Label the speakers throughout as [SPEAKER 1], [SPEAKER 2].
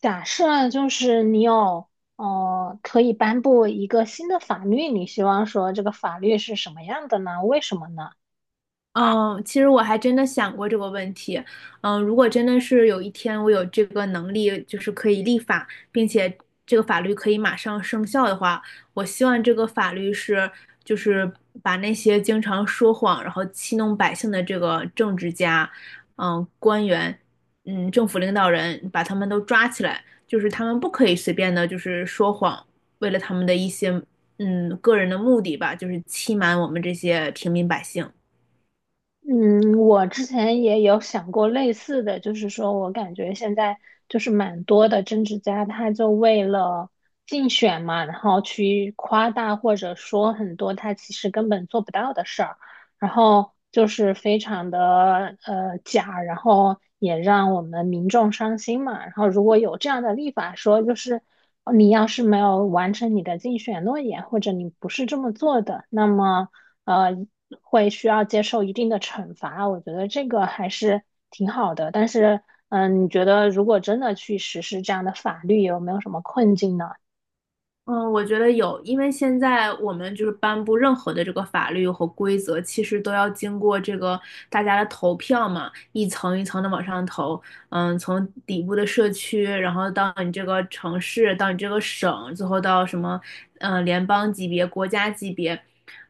[SPEAKER 1] 假设啊就是你有，可以颁布一个新的法律，你希望说这个法律是什么样的呢？为什么呢？
[SPEAKER 2] 嗯，其实我还真的想过这个问题。如果真的是有一天我有这个能力，就是可以立法，并且这个法律可以马上生效的话，我希望这个法律是，就是把那些经常说谎，然后欺弄百姓的这个政治家、官员、政府领导人，把他们都抓起来，就是他们不可以随便的，就是说谎，为了他们的一些个人的目的吧，就是欺瞒我们这些平民百姓。
[SPEAKER 1] 嗯，我之前也有想过类似的，就是说我感觉现在就是蛮多的政治家，他就为了竞选嘛，然后去夸大或者说很多他其实根本做不到的事儿，然后就是非常的假，然后也让我们民众伤心嘛。然后如果有这样的立法说，就是你要是没有完成你的竞选诺言，或者你不是这么做的，那么，呃，会需要接受一定的惩罚，我觉得这个还是挺好的。但是，嗯，你觉得如果真的去实施这样的法律，有没有什么困境呢？
[SPEAKER 2] 嗯，我觉得有，因为现在我们就是颁布任何的这个法律和规则，其实都要经过这个大家的投票嘛，一层一层的往上投。从底部的社区，然后到你这个城市，到你这个省，最后到什么，联邦级别、国家级别，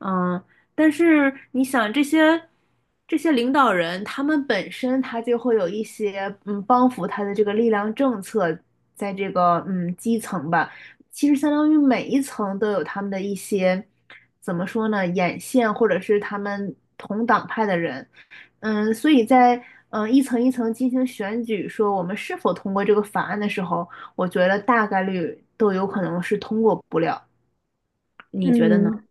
[SPEAKER 2] 嗯。但是你想这些领导人，他们本身他就会有一些帮扶他的这个力量政策，在这个基层吧。其实相当于每一层都有他们的一些，怎么说呢，眼线或者是他们同党派的人，所以在一层一层进行选举，说我们是否通过这个法案的时候，我觉得大概率都有可能是通过不了，你觉得呢？
[SPEAKER 1] 嗯，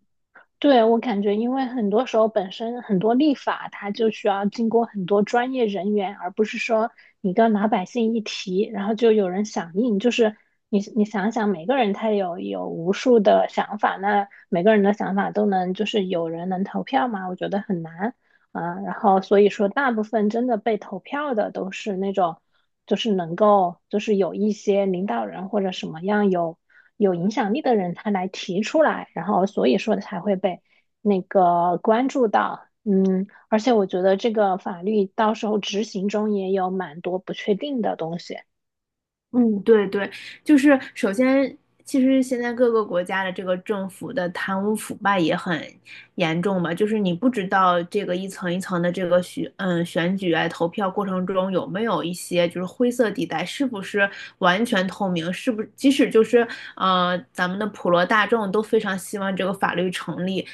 [SPEAKER 1] 对，我感觉，因为很多时候本身很多立法，它就需要经过很多专业人员，而不是说你跟老百姓一提，然后就有人响应。就是你想想，每个人他有无数的想法，那每个人的想法都能就是有人能投票吗？我觉得很难。嗯，然后所以说，大部分真的被投票的都是那种，就是能够，就是有一些领导人或者什么样有影响力的人，他来提出来，然后所以说才会被那个关注到。嗯，而且我觉得这个法律到时候执行中也有蛮多不确定的东西。
[SPEAKER 2] 嗯，对对，就是首先，其实现在各个国家的这个政府的贪污腐败也很严重嘛，就是你不知道这个一层一层的这个选举啊投票过程中有没有一些就是灰色地带，是不是完全透明，是不即使就是咱们的普罗大众都非常希望这个法律成立，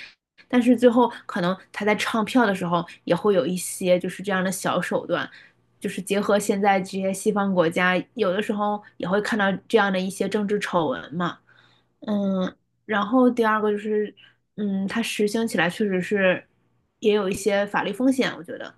[SPEAKER 2] 但是最后可能他在唱票的时候也会有一些就是这样的小手段，就是结合现在这些西方国家，有的时候也会看到这样的一些政治丑闻嘛。嗯，然后第二个就是，它实行起来确实是也有一些法律风险，我觉得。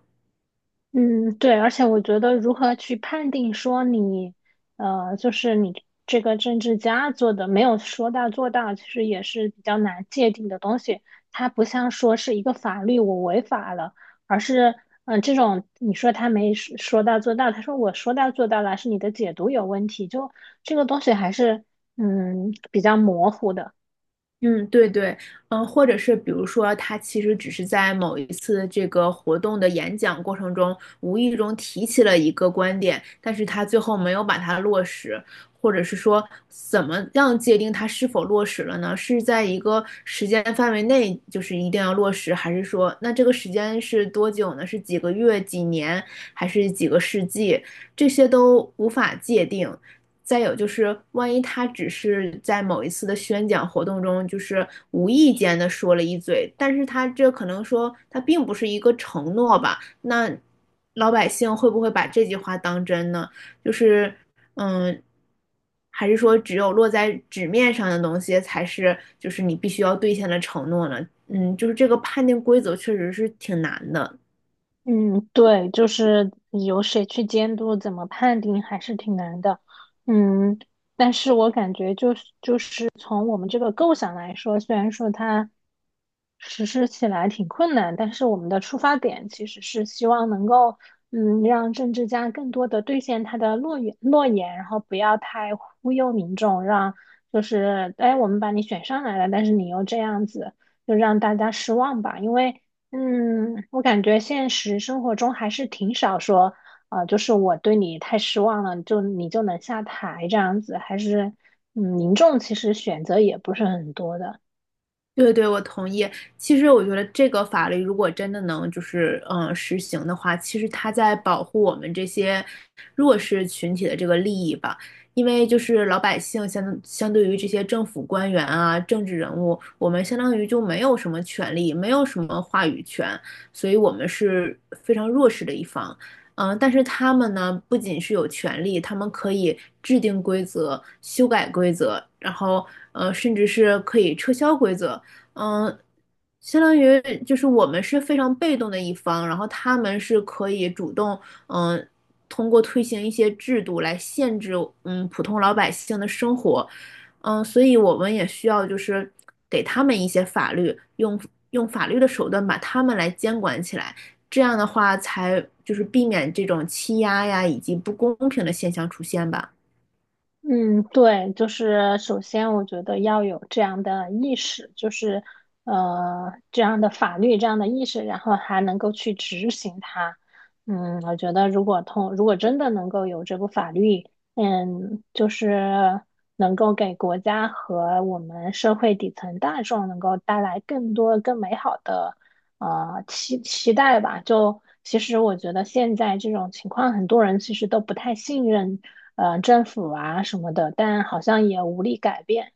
[SPEAKER 1] 嗯，对，而且我觉得如何去判定说你，就是你这个政治家做的没有说到做到，其实也是比较难界定的东西。它不像说是一个法律我违法了，而是，嗯、这种你说他没说说到做到，他说我说到做到了，是你的解读有问题，就这个东西还是，嗯，比较模糊的。
[SPEAKER 2] 嗯，对对，或者是比如说，他其实只是在某一次这个活动的演讲过程中，无意中提起了一个观点，但是他最后没有把它落实，或者是说，怎么样界定它是否落实了呢？是在一个时间范围内，就是一定要落实，还是说，那这个时间是多久呢？是几个月、几年，还是几个世纪？这些都无法界定，再有就是，万一他只是在某一次的宣讲活动中，就是无意间的说了一嘴，但是他这可能说他并不是一个承诺吧？那老百姓会不会把这句话当真呢？就是，嗯，还是说只有落在纸面上的东西才是，就是你必须要兑现的承诺呢？嗯，就是这个判定规则确实是挺难的。
[SPEAKER 1] 嗯，对，就是由谁去监督，怎么判定，还是挺难的。嗯，但是我感觉就是从我们这个构想来说，虽然说它实施起来挺困难，但是我们的出发点其实是希望能够，嗯，让政治家更多的兑现他的诺言，然后不要太忽悠民众，让就是，哎，我们把你选上来了，但是你又这样子，就让大家失望吧。因为嗯，我感觉现实生活中还是挺少说，就是我对你太失望了，就你就能下台这样子，还是，嗯，民众其实选择也不是很多的。
[SPEAKER 2] 对对，我同意。其实我觉得这个法律如果真的能就是实行的话，其实它在保护我们这些弱势群体的这个利益吧。因为就是老百姓相对于这些政府官员啊、政治人物，我们相当于就没有什么权利，没有什么话语权，所以我们是非常弱势的一方。但是他们呢，不仅是有权利，他们可以制定规则、修改规则，然后甚至是可以撤销规则。嗯，相当于就是我们是非常被动的一方，然后他们是可以主动，嗯，通过推行一些制度来限制，嗯，普通老百姓的生活，所以我们也需要就是给他们一些法律，用法律的手段把他们来监管起来，这样的话才就是避免这种欺压呀以及不公平的现象出现吧。
[SPEAKER 1] 嗯，对，就是首先我觉得要有这样的意识，就是这样的法律这样的意识，然后还能够去执行它。嗯，我觉得如果真的能够有这部法律，嗯，就是能够给国家和我们社会底层大众能够带来更多更美好的期待吧。就其实我觉得现在这种情况，很多人其实都不太信任政府啊什么的，但好像也无力改变。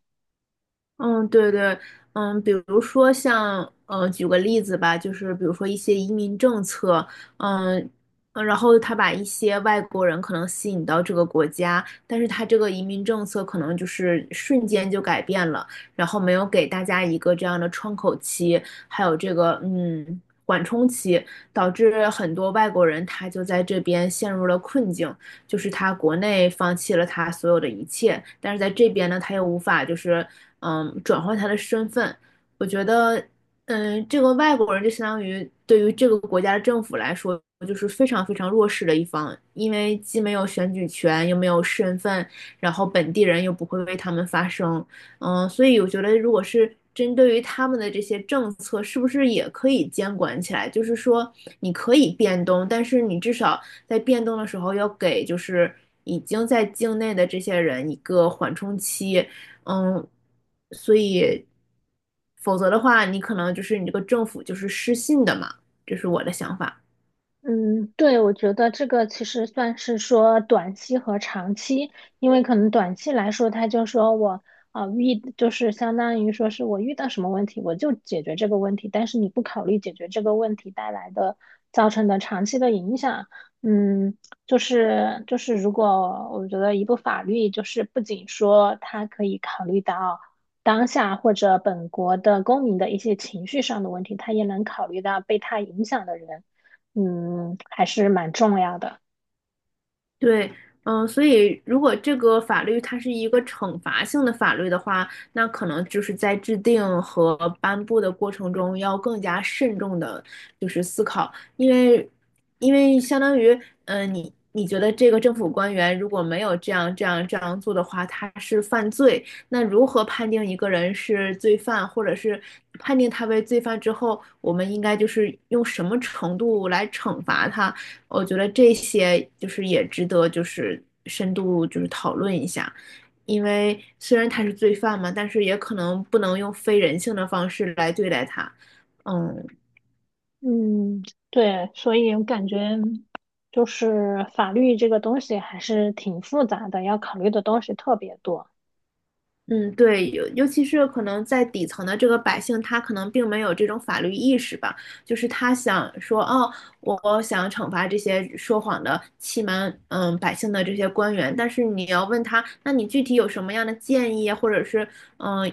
[SPEAKER 2] 嗯，对对，比如说像，举个例子吧，就是比如说一些移民政策，嗯，然后他把一些外国人可能吸引到这个国家，但是他这个移民政策可能就是瞬间就改变了，然后没有给大家一个这样的窗口期，还有这个缓冲期，导致很多外国人他就在这边陷入了困境，就是他国内放弃了他所有的一切，但是在这边呢，他又无法就是转换他的身份。我觉得，这个外国人就相当于对于这个国家的政府来说，就是非常非常弱势的一方，因为既没有选举权，又没有身份，然后本地人又不会为他们发声，所以我觉得如果是针对于他们的这些政策，是不是也可以监管起来？就是说你可以变动，但是你至少在变动的时候要给就是已经在境内的这些人一个缓冲期，嗯，所以否则的话，你可能就是你这个政府就是失信的嘛，这是我的想法。
[SPEAKER 1] 嗯，对，我觉得这个其实算是说短期和长期，因为可能短期来说，他就说我啊、呃遇就是相当于说是我遇到什么问题，我就解决这个问题，但是你不考虑解决这个问题带来的造成的长期的影响，嗯，就是如果我觉得一部法律就是不仅说它可以考虑到当下或者本国的公民的一些情绪上的问题，它也能考虑到被它影响的人，嗯，还是蛮重要的。
[SPEAKER 2] 对，所以如果这个法律它是一个惩罚性的法律的话，那可能就是在制定和颁布的过程中要更加慎重的，就是思考，因为，因为相当于，你觉得这个政府官员如果没有这样做的话，他是犯罪，那如何判定一个人是罪犯，或者是判定他为罪犯之后，我们应该就是用什么程度来惩罚他？我觉得这些就是也值得就是深度就是讨论一下，因为虽然他是罪犯嘛，但是也可能不能用非人性的方式来对待他。嗯，
[SPEAKER 1] 嗯，对，所以我感觉就是法律这个东西还是挺复杂的，要考虑的东西特别多。
[SPEAKER 2] 嗯，对，尤其是可能在底层的这个百姓，他可能并没有这种法律意识吧，就是他想说，哦，我想惩罚这些说谎的、欺瞒百姓的这些官员，但是你要问他，那你具体有什么样的建议啊，或者是嗯，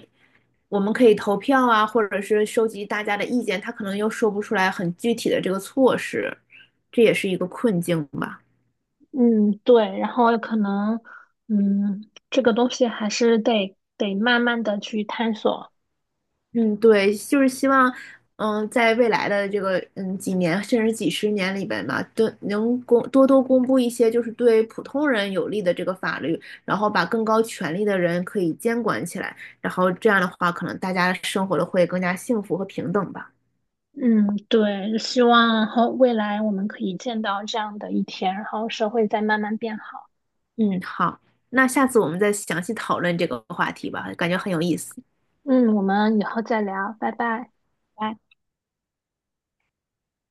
[SPEAKER 2] 我们可以投票啊，或者是收集大家的意见，他可能又说不出来很具体的这个措施，这也是一个困境吧。
[SPEAKER 1] 嗯，对，然后可能，嗯，这个东西还是得慢慢的去探索。
[SPEAKER 2] 嗯，对，就是希望，在未来的这个几年甚至几十年里边吧，都能多多公布一些就是对普通人有利的这个法律，然后把更高权力的人可以监管起来，然后这样的话，可能大家生活的会更加幸福和平等吧。
[SPEAKER 1] 嗯，对，希望后未来我们可以见到这样的一天，然后社会再慢慢变好。
[SPEAKER 2] 嗯，好，那下次我们再详细讨论这个话题吧，感觉很有意思。
[SPEAKER 1] 嗯，我们以后再聊，拜拜。
[SPEAKER 2] 拜拜。